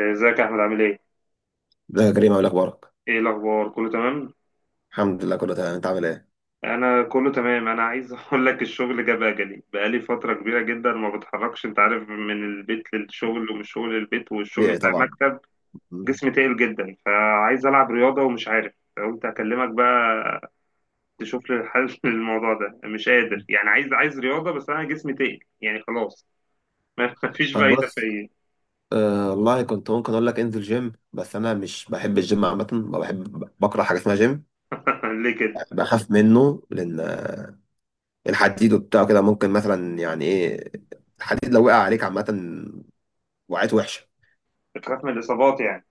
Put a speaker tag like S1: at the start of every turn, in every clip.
S1: ازيك يا احمد، عامل ايه؟
S2: ده يا كريم عامل إيه؟ اخبارك.
S1: ايه الاخبار، كله تمام؟
S2: الحمد لله كله تمام، انت عامل ايه؟
S1: انا كله تمام. انا عايز اقول لك، الشغل جاب اجلي. بقالي فتره كبيره جدا ما بتحركش، انت عارف، من البيت للشغل ومن الشغل للبيت، والشغل
S2: طبيعي
S1: بتاع
S2: طبعا.
S1: المكتب.
S2: مم.
S1: جسمي تقيل جدا، فعايز العب رياضه ومش عارف. قلت اكلمك بقى تشوف لي الحل للموضوع ده. مش قادر يعني. عايز رياضه، بس انا جسمي تقيل يعني خلاص. ما فيش
S2: طب
S1: فايده
S2: بص،
S1: فيا.
S2: آه والله كنت ممكن اقول لك انزل جيم، بس انا مش بحب الجيم عامه، ما بحب بكره حاجه اسمها جيم.
S1: ليه كده؟
S2: بخاف منه لان الحديد وبتاع كده ممكن مثلا يعني ايه، الحديد لو وقع عليك عامه وقعت وحشه.
S1: بخاف من الاصابات يعني.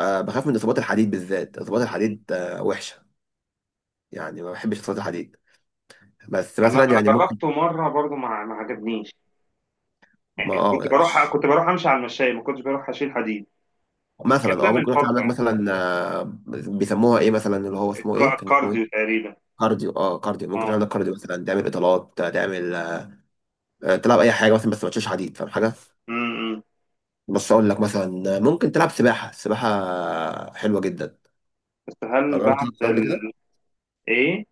S2: آه بخاف من اصابات الحديد، بالذات اصابات الحديد وحشه، يعني ما بحبش اصابات الحديد. بس
S1: انا
S2: مثلا
S1: انا
S2: يعني ممكن
S1: جربته مره برضو، ما عجبنيش.
S2: ما
S1: كنت
S2: اه
S1: بروح كنت بروح امشي على المشاية، ما كنتش بروح اشيل حديد. بس الكلام
S2: مثلا اه
S1: ده من
S2: ممكن واحد
S1: فترة
S2: عندك
S1: يعني،
S2: مثلا بيسموها ايه مثلا؟ اللي هو اسمه ايه؟ كان اسمه ايه؟
S1: الكارديو تقريبا.
S2: كارديو، اه كارديو، ممكن
S1: اه.
S2: تعمل لك كارديو، مثلا تعمل اطالات، تعمل تلعب اي حاجه مثلا، بس ما تشيلش حديد، فاهم حاجه؟
S1: امم.
S2: بس اقول لك مثلا ممكن تلعب سباحه، السباحه حلوه جدا.
S1: بس هل
S2: جربت
S1: بعد
S2: تلعب سباحة قبل كده؟
S1: ايه؟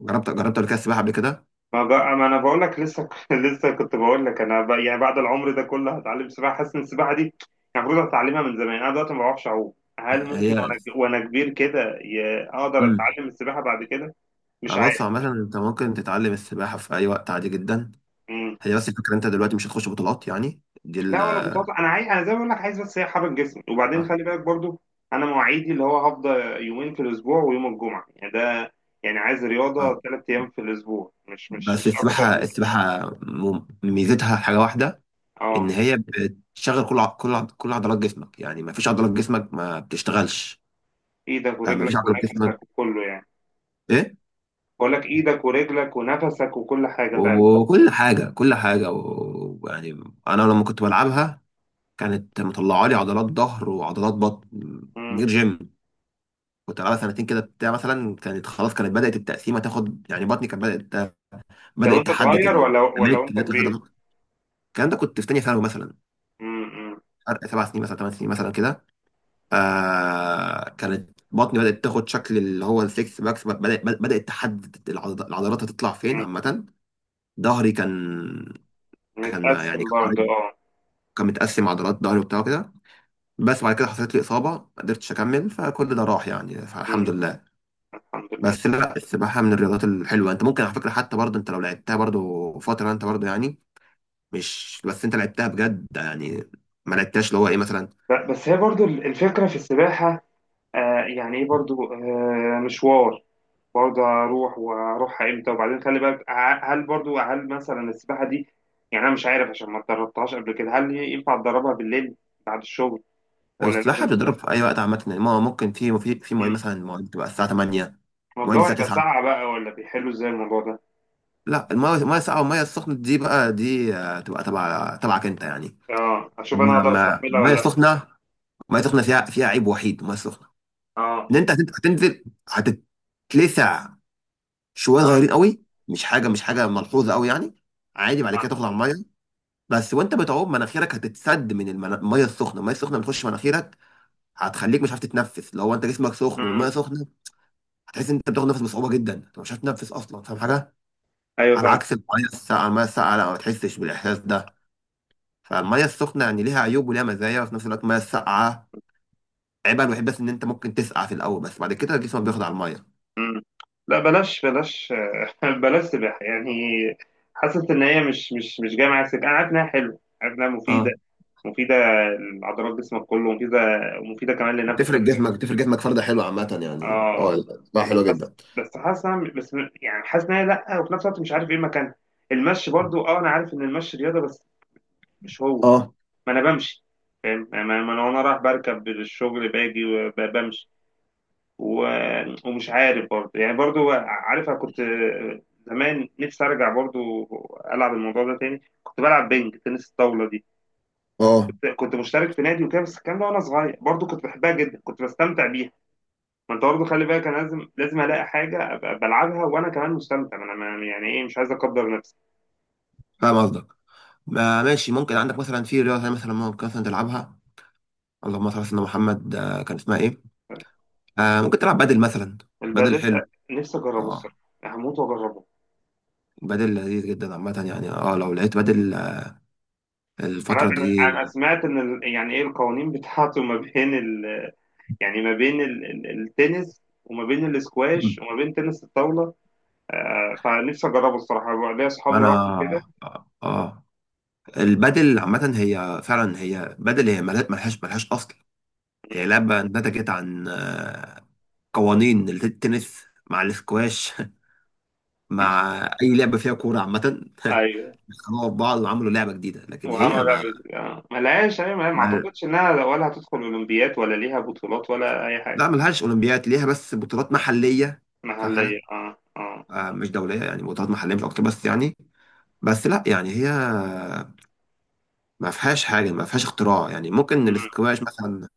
S2: جربت جربت قبل كده السباحه قبل كده؟
S1: ما بقى ما انا بقول لك لسه. لسه كنت بقول لك، انا بقى يعني بعد العمر ده كله هتعلم سباحة؟ حاسس ان السباحة دي كان المفروض اتعلمها من زمان. انا دلوقتي ما بعرفش اعوم. هل ممكن
S2: هي
S1: وانا كبير كده اقدر
S2: امم،
S1: اتعلم السباحة بعد كده؟ مش
S2: انا
S1: عارف.
S2: بص عامه، انت ممكن تتعلم السباحه في اي وقت عادي جدا. هي بس الفكره انت دلوقتي مش هتخش بطولات، يعني دي ال
S1: لا ولا بطاطا، انا عايز، انا زي ما بقول لك، عايز بس هي حرك جسمي. وبعدين
S2: آه،
S1: خلي بالك برضو، انا مواعيدي اللي هو هفضل 2 ايام في الاسبوع ويوم الجمعه يعني ده. يعني عايز
S2: آه.
S1: رياضه 3 ايام في الاسبوع، مش مش
S2: بس
S1: مش اكتر
S2: السباحه،
S1: من.
S2: السباحه ميزتها حاجه واحده، ان
S1: اه.
S2: هي بتشغل كل كل عضلات جسمك، يعني ما فيش عضلات جسمك ما بتشتغلش.
S1: ايدك
S2: ما فيش
S1: ورجلك
S2: عضلات جسمك.
S1: ونفسك وكله يعني.
S2: ايه،
S1: بقول لك ايدك ورجلك ونفسك وكل حاجه فعلا.
S2: وكل حاجه، كل حاجه ويعني انا لما كنت بلعبها كانت مطلعه لي عضلات ظهر وعضلات بطن من غير
S1: امم.
S2: جيم. كنت بلعبها 2 سنين كده بتاع، مثلا كانت خلاص كانت بدات التقسيمه تاخد، يعني بطني كانت بدات،
S1: لو
S2: بدات
S1: انت
S2: تحدد
S1: صغير ولا
S2: الاماكن
S1: وانت
S2: اللي هتطلع فيها عضلات.
S1: كبير؟
S2: الكلام ده كنت في تانيه ثانوي مثلا،
S1: امم.
S2: فرق 7 سنين مثلا، 8 سنين مثلا كده. آه كانت بطني بدأت تاخد شكل اللي هو السكس باكس، بدأت بدأت تحدد العضلات هتطلع فين
S1: امم.
S2: عامة. ظهري كان، كان ما يعني
S1: متقسم
S2: كان
S1: برضو،
S2: عريض،
S1: اه.
S2: كان متقسم عضلات ظهري وبتاع كده. بس بعد كده حصلت لي إصابة، ما قدرتش أكمل، فكل ده راح يعني، فالحمد
S1: امم.
S2: لله.
S1: الحمد لله.
S2: بس لا، السباحة من الرياضات الحلوة، أنت ممكن على فكرة حتى برضه، أنت لو لعبتها برضه فترة أنت برضه يعني، مش بس أنت لعبتها بجد يعني، ما لعبتهاش اللي هو إيه مثلا.
S1: بس هي برضو الفكره في السباحه، آه يعني ايه برضو آه مشوار. برضه هروح وهروح امتى؟ وبعدين خلي بالك، هل برضه هل مثلا السباحه دي، يعني انا مش عارف عشان ما اتدربتهاش قبل كده، هل هي ينفع اتدربها بالليل بعد الشغل، ولا
S2: السباحة
S1: لازم؟
S2: بتضرب في أي وقت عامة، يعني ما هو ممكن في مواعيد
S1: مم.
S2: مثلا، مواعيد تبقى الساعة 8،
S1: ما
S2: مواعيد
S1: الجو
S2: الساعة
S1: هيبقى
S2: 9.
S1: ساقع بقى، ولا بيحلوا ازاي الموضوع ده؟
S2: لا، المية المية الساقعة والمية السخنة دي بقى دي تبقى تبعك أنت يعني.
S1: اه، اشوف انا هقدر
S2: ما
S1: استحملها
S2: المية
S1: ولا لا.
S2: السخنة، المية السخنة فيها عيب وحيد، المية السخنة
S1: اه،
S2: إن أنت هتنزل، هتنزل هتتلسع شوية
S1: اه.
S2: صغيرين قوي، مش حاجة مش حاجة ملحوظة قوي يعني، عادي بعد
S1: اه.
S2: كده تطلع المية. بس وأنت بتعوم مناخيرك هتتسد من المية السخنة، المية السخنة بتخش مناخيرك، هتخليك مش عارف تتنفس لو انت جسمك سخن
S1: مم.
S2: والميه سخنه. هتحس ان انت بتاخد نفس بصعوبه جدا، انت مش هتنفس اصلا، فاهم حاجه؟
S1: ايوه
S2: على
S1: فاهم.
S2: عكس الميه الساقعه، الميه الساقعه لا، ما بتحسش بالاحساس ده. فالميه السخنه يعني ليها عيوب وليها مزايا، وفي نفس الوقت الميه الساقعه عيبها الوحيد بس ان انت ممكن تسقع في الاول، بس بعد كده جسمك بياخد على الميه.
S1: مم. لا بلاش، بلاش بلاش سباحة يعني. حاسس إن هي مش جاية معايا سباحة. أنا عارف إنها حلوة، عارف إنها مفيدة.
S2: اه
S1: مفيدة لعضلات جسمك كله، ومفيدة، ومفيدة كمان
S2: بتفرق
S1: لنفسك.
S2: جسمك، بتفرق جسمك فرده حلوه عامه يعني
S1: اه.
S2: اه، بقى حلوه
S1: بس
S2: جدا.
S1: بس حاسس بس، يعني حاسس إن هي لأ. وفي نفس الوقت مش عارف إيه مكانها. المشي برضو، أه، أنا عارف إن المشي رياضة بس مش هو.
S2: اه
S1: ما أنا بمشي، فاهم يعني؟ ما أنا وأنا رايح بركب للشغل، باجي وبمشي. ومش عارف برضه يعني، برضه عارف، أنا كنت زمان نفسي أرجع برضه ألعب الموضوع ده تاني. كنت بلعب بينج، تنس الطاولة دي.
S2: اه،
S1: كنت مشترك في نادي وكده. بس الكلام ده وأنا صغير برضه. كنت بحبها جدا، كنت بستمتع بيها. ما أنت برضه خلي بالك، أنا لازم ألاقي حاجة أبقى بلعبها وأنا كمان مستمتع. ما أنا يعني إيه، مش عايز أقدر نفسي.
S2: فاهم قصدك. ما ماشي، ممكن عندك مثلا في رياضه تانية مثلا ممكن مثلا تلعبها، اللهم صل على سيدنا محمد كان اسمها ايه؟ آه ممكن تلعب بدل مثلا، بدل
S1: البادل،
S2: حلو.
S1: نفسي أجربه
S2: اه،
S1: الصراحة. هموت وأجربه.
S2: بدل لذيذ جدا عامة يعني اه، لو لقيت بدل
S1: أنا
S2: الفترة
S1: أنا
S2: دي.
S1: أنا سمعت إن يعني إيه، القوانين بتاعته ما بين، يعني ما بين التنس وما بين الاسكواش وما بين تنس الطاولة، آه، فنفسي أجربه الصراحة بقى. ليا أصحابي
S2: انا
S1: راحوا كده.
S2: اه آه. البدل عامة هي فعلا هي بدل، هي ملهاش ملهاش ملهاش اصل، هي لعبة نتجت عن قوانين التنس مع الاسكواش مع اي لعبة فيها كورة عامة
S1: أيوه.
S2: خلاص بعض، وعملوا لعبة جديدة، لكن هي
S1: وعمل
S2: ما,
S1: آه، ملهاش. أيوه، ما
S2: ما
S1: أعتقدش إنها ولا هتدخل أولمبياد ولا ليها بطولات ولا أي حاجة.
S2: لا، ملهاش اولمبياد، ليها بس بطولات محلية، فاهم
S1: محلية،
S2: حاجة؟
S1: أه، أه.
S2: آه مش دولية يعني، بطولات محلية مش اكتر بس يعني. بس لا يعني هي ما فيهاش حاجه، ما فيهاش اختراع، يعني ممكن
S1: مم.
S2: الاسكواش مثلا،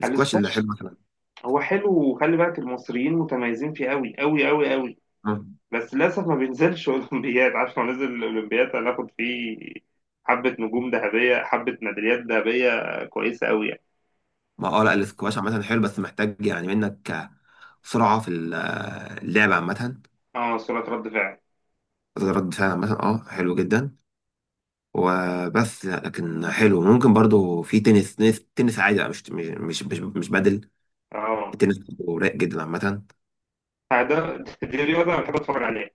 S2: الاسكواش اللي حلو
S1: الاسكواش،
S2: مثلا.
S1: هو حلو، وخلي بالك، المصريين متميزين فيه أوي أوي أوي أوي.
S2: آه.
S1: بس للأسف ما بينزلش أولمبياد. عارف لو نزل الأولمبياد هناخد فيه حبة نجوم ذهبية، حبة ميداليات ذهبية كويسة أوي.
S2: ما اه لا،
S1: يعني.
S2: الاسكواش عامه حلو، بس محتاج يعني منك سرعه في ال- اللعب عامه،
S1: اه، سرعة رد فعل.
S2: رد فعل عامه، اه حلو جدا. وبس لكن حلو، ممكن برضو في تنس، تنس عادي بقى، مش مش بدل.
S1: اه.
S2: التنس برضو رايق جدا عامه،
S1: آه، ده، دي رياضة انا بحب اتفرج عليها.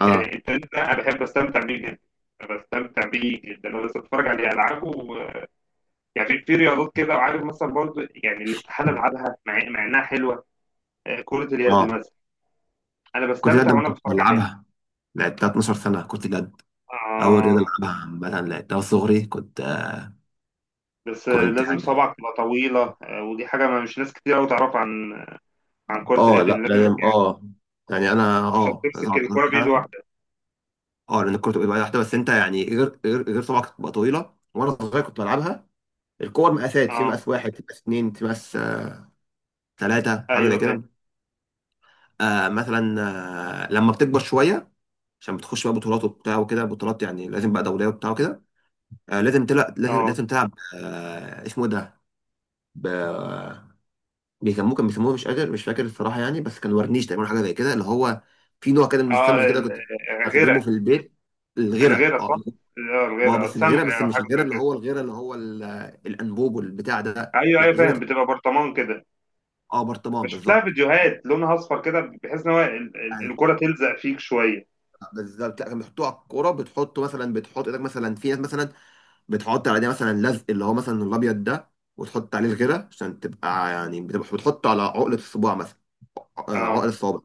S2: اه
S1: يعني التنس ده انا بحب استمتع بيه جدا. أنا بستمتع بيه جدا. انا بس اتفرج عليه، العبه. يعني في رياضات كده، وعارف مثلا برضو، يعني الاستحالة العبها، مع انها حلوة، آه، كرة اليد
S2: اه.
S1: مثلا. انا
S2: كنت
S1: بستمتع
S2: جد
S1: وانا
S2: كنت
S1: بتفرج عليها.
S2: بلعبها، لعبتها 12 سنه، كنت جد اول رياضه
S1: اه،
S2: العبها عامه، لعبتها صغري كنت،
S1: بس آه،
S2: كنت
S1: لازم
S2: يعني
S1: صبعك تبقى طويلة، آه، ودي حاجة ما مش ناس كتير قوي تعرف عن، عن كرة
S2: اه
S1: اليد، إن
S2: لا
S1: لازم
S2: لازم اه يعني انا
S1: عشان
S2: اه لازم
S1: تمسك
S2: أقعد
S1: الكرة بإيد
S2: مثلا
S1: واحدة.
S2: اه، لان الكوره تبقى واحده، بس انت يعني غير طبعا كانت بتبقى طويله وانا صغير كنت بلعبها. الكور مقاسات، في
S1: اه.
S2: مقاس واحد، في مقاس اتنين، في مقاس تلاته حاجه زي
S1: ايوه،
S2: كده.
S1: فاهم.
S2: آه مثلا، آه لما بتكبر شويه عشان بتخش بقى بطولات وبتاع وكده، بطولات يعني لازم بقى دوليه وبتاع وكده. آه لازم تلعب، لازم
S1: اه،
S2: لازم تلعب. آه اسمه إيه ده؟ بيسموه، كان بيسموه مش قادر مش فاكر الصراحه يعني، بس كان ورنيش تقريبا حاجه زي كده اللي هو، في نوع كده من
S1: اه،
S2: الصمغ كده كنت
S1: آه،
S2: استخدمه
S1: غيرها.
S2: في البيت، الغيره
S1: الغيرة،
S2: اه،
S1: صح؟ اه،
S2: بقى
S1: الغيرة،
S2: بس الغيره،
S1: الصمغة
S2: بس
S1: أو
S2: مش
S1: حاجة
S2: الغيره
S1: زي
S2: اللي
S1: كده.
S2: هو الغيره اللي هو ال- الانبوب والبتاع ده،
S1: أيوه،
S2: لا
S1: أيوه، فاهم.
S2: غيره.
S1: بتبقى برطمان كده.
S2: اه برطمان
S1: بشوف لها
S2: بالظبط.
S1: فيديوهات، لونها أصفر كده، بحيث إن هو
S2: أيوة،
S1: الكرة تلزق فيك شوية.
S2: بالظبط. لا كان بيحطوه على الكوره، بتحطه مثلا، بتحط ايدك مثلا، في ناس مثلا بتحط على ده مثلا لزق اللي هو مثلا الابيض ده وتحط عليه الغيره عشان تبقى يعني، بتبقى بتحطه على عقله الصباع مثلا، عقل
S1: اه.
S2: الصوابع.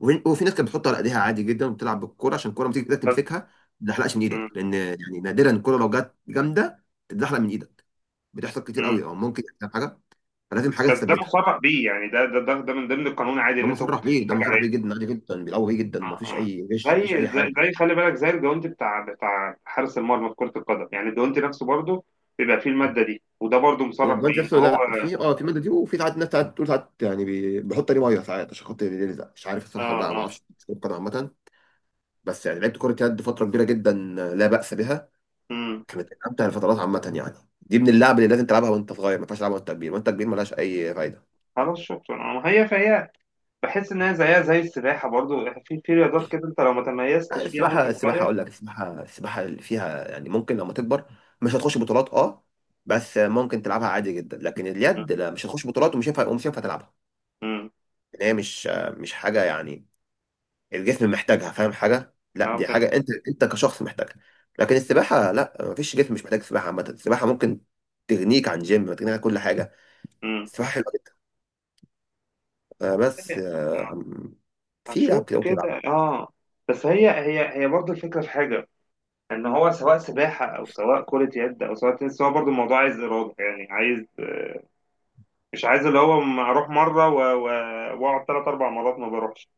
S2: وفي ناس كانت بتحط على ايديها عادي جدا وبتلعب بالكوره عشان الكوره لما تيجي ايدك
S1: بس.
S2: تمسكها، ما تتزحلقش من
S1: مم.
S2: ايدك، لان يعني نادرا الكوره لو جت جامده تتزحلق من ايدك، بتحصل كتير
S1: مم.
S2: قوي، او ممكن يحصل حاجه، فلازم حاجه
S1: بس ده
S2: تثبتها.
S1: مسرح بيه يعني، ده من ضمن القانون عادي،
S2: ده
S1: إن أنت ممكن
S2: مصرح
S1: تحط
S2: بيه، ده
S1: حاجة
S2: مصرح
S1: عليه.
S2: بيه جدا، عادي جدا بيلعبوا بيه جدا، ومفيش
S1: آه.
S2: اي غش
S1: زي
S2: مفيش اي
S1: زي
S2: حاجه.
S1: زي خلي بالك، زي الجوانتي بتاع حارس المرمى في كرة القدم، يعني الجوانتي نفسه برضه بيبقى فيه المادة دي. وده برضه مصرح
S2: الجوانت
S1: بيه
S2: نفسه،
S1: إن هو.
S2: لا في اه في ماده دي، وفي ساعات ناس ساعات بتقول ساعات يعني بيحط عليه ميه ساعات عشان خاطر يلزق، مش عارف الصراحه
S1: اه،
S2: بقى ما
S1: اه.
S2: اعرفش. القدم عامه، بس يعني لعبت كره يد فتره كبيره جدا، لا باس بها،
S1: مم.
S2: كانت من امتع الفترات عامه يعني. دي من اللعب اللي لازم تلعبها وانت صغير، ما ينفعش تلعبها وانت كبير، وانت كبير ملهاش اي فايده.
S1: خلاص، شكرا. آه، هي فهي بحس ان هي زيها زي السباحه برضو. يعني في رياضات كده، انت لو ما
S2: لا،
S1: تميزتش فيها وانت
S2: السباحه، السباحه
S1: صغير.
S2: اقول لك السباحه، السباحه اللي فيها يعني ممكن لما تكبر مش هتخش بطولات اه، بس ممكن تلعبها عادي جدا، لكن
S1: مم.
S2: اليد لا، مش هتخش بطولات ومش هينفع، ومش هينفع تلعبها.
S1: مم.
S2: ان هي مش حاجه يعني الجسم محتاجها، فاهم حاجه؟ لا
S1: اه،
S2: دي
S1: فهمت.
S2: حاجه انت، انت كشخص محتاجها. لكن السباحه لا، مفيش جسم مش محتاج سباحه عامه، السباحه ممكن تغنيك عن جيم، تغنيك عن كل حاجه.
S1: مم.
S2: السباحه حلوه، آه، بس
S1: والله،
S2: آه، أم- في لعب
S1: هشوف
S2: كده ممكن يلعب.
S1: كده، اه. بس هي برضو الفكره في حاجه، ان هو سواء سباحه او سواء كره يد او سواء تنس، هو برضو الموضوع عايز اراده، يعني عايز. مش عايز اللي هو اروح مره واقعد 3 4 مرات ما بروحش.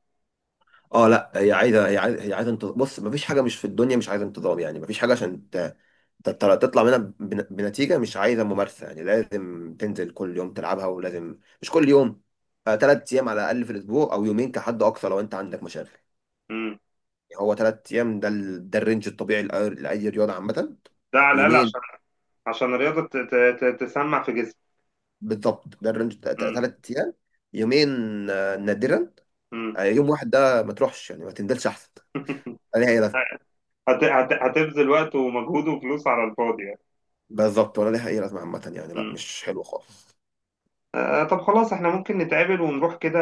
S2: اه لا، هي عايزه هي عايزه انتظام، بص مفيش حاجه مش في الدنيا مش عايزه انتظام، يعني مفيش حاجه عشان ت- تطلع منها بنتيجه، مش عايزه ممارسه، يعني لازم تنزل كل يوم تلعبها ولازم، مش كل يوم، 3 ايام على الاقل في الاسبوع، او يومين كحد اقصى لو انت عندك مشاغل.
S1: مم.
S2: يعني هو 3 ايام ده ال- ده الرينج الطبيعي لأي لأي رياضه عامه،
S1: ده على الاقل عشان،
S2: يومين.
S1: عشان الرياضه تسمع في جسمي.
S2: بالضبط ده الرينج،
S1: مم.
S2: 3 ايام، يومين، نادرا
S1: مم.
S2: يوم واحد، ده ما تروحش يعني، ما تنزلش احسن، لا ليها اي لازمه.
S1: هتبذل وقت ومجهود وفلوس على الفاضي.
S2: بالظبط ولا ليها اي لازمه عامه يعني، لا
S1: مم.
S2: مش حلو خالص.
S1: آه، طب خلاص، احنا ممكن نتقابل ونروح كده،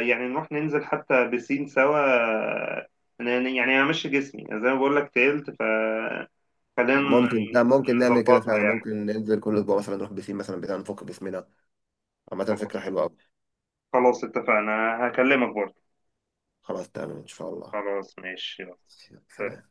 S1: يعني نروح ننزل حتى بسين سوا، آه، يعني همشي جسمي زي ما بقول لك، تقلت. فخلينا
S2: ممكن، لا ممكن نعمل كده
S1: نظبطها
S2: فعلا،
S1: يعني.
S2: ممكن ننزل كل اسبوع مثلا، نروح بسين مثلا بتاع نفك باسمنا عامه، فكره
S1: خلاص.
S2: حلوه قوي.
S1: خلاص، اتفقنا. هكلمك برضه.
S2: خلاص تمام ان شاء الله.
S1: خلاص، ماشي. يلا.
S2: سلام.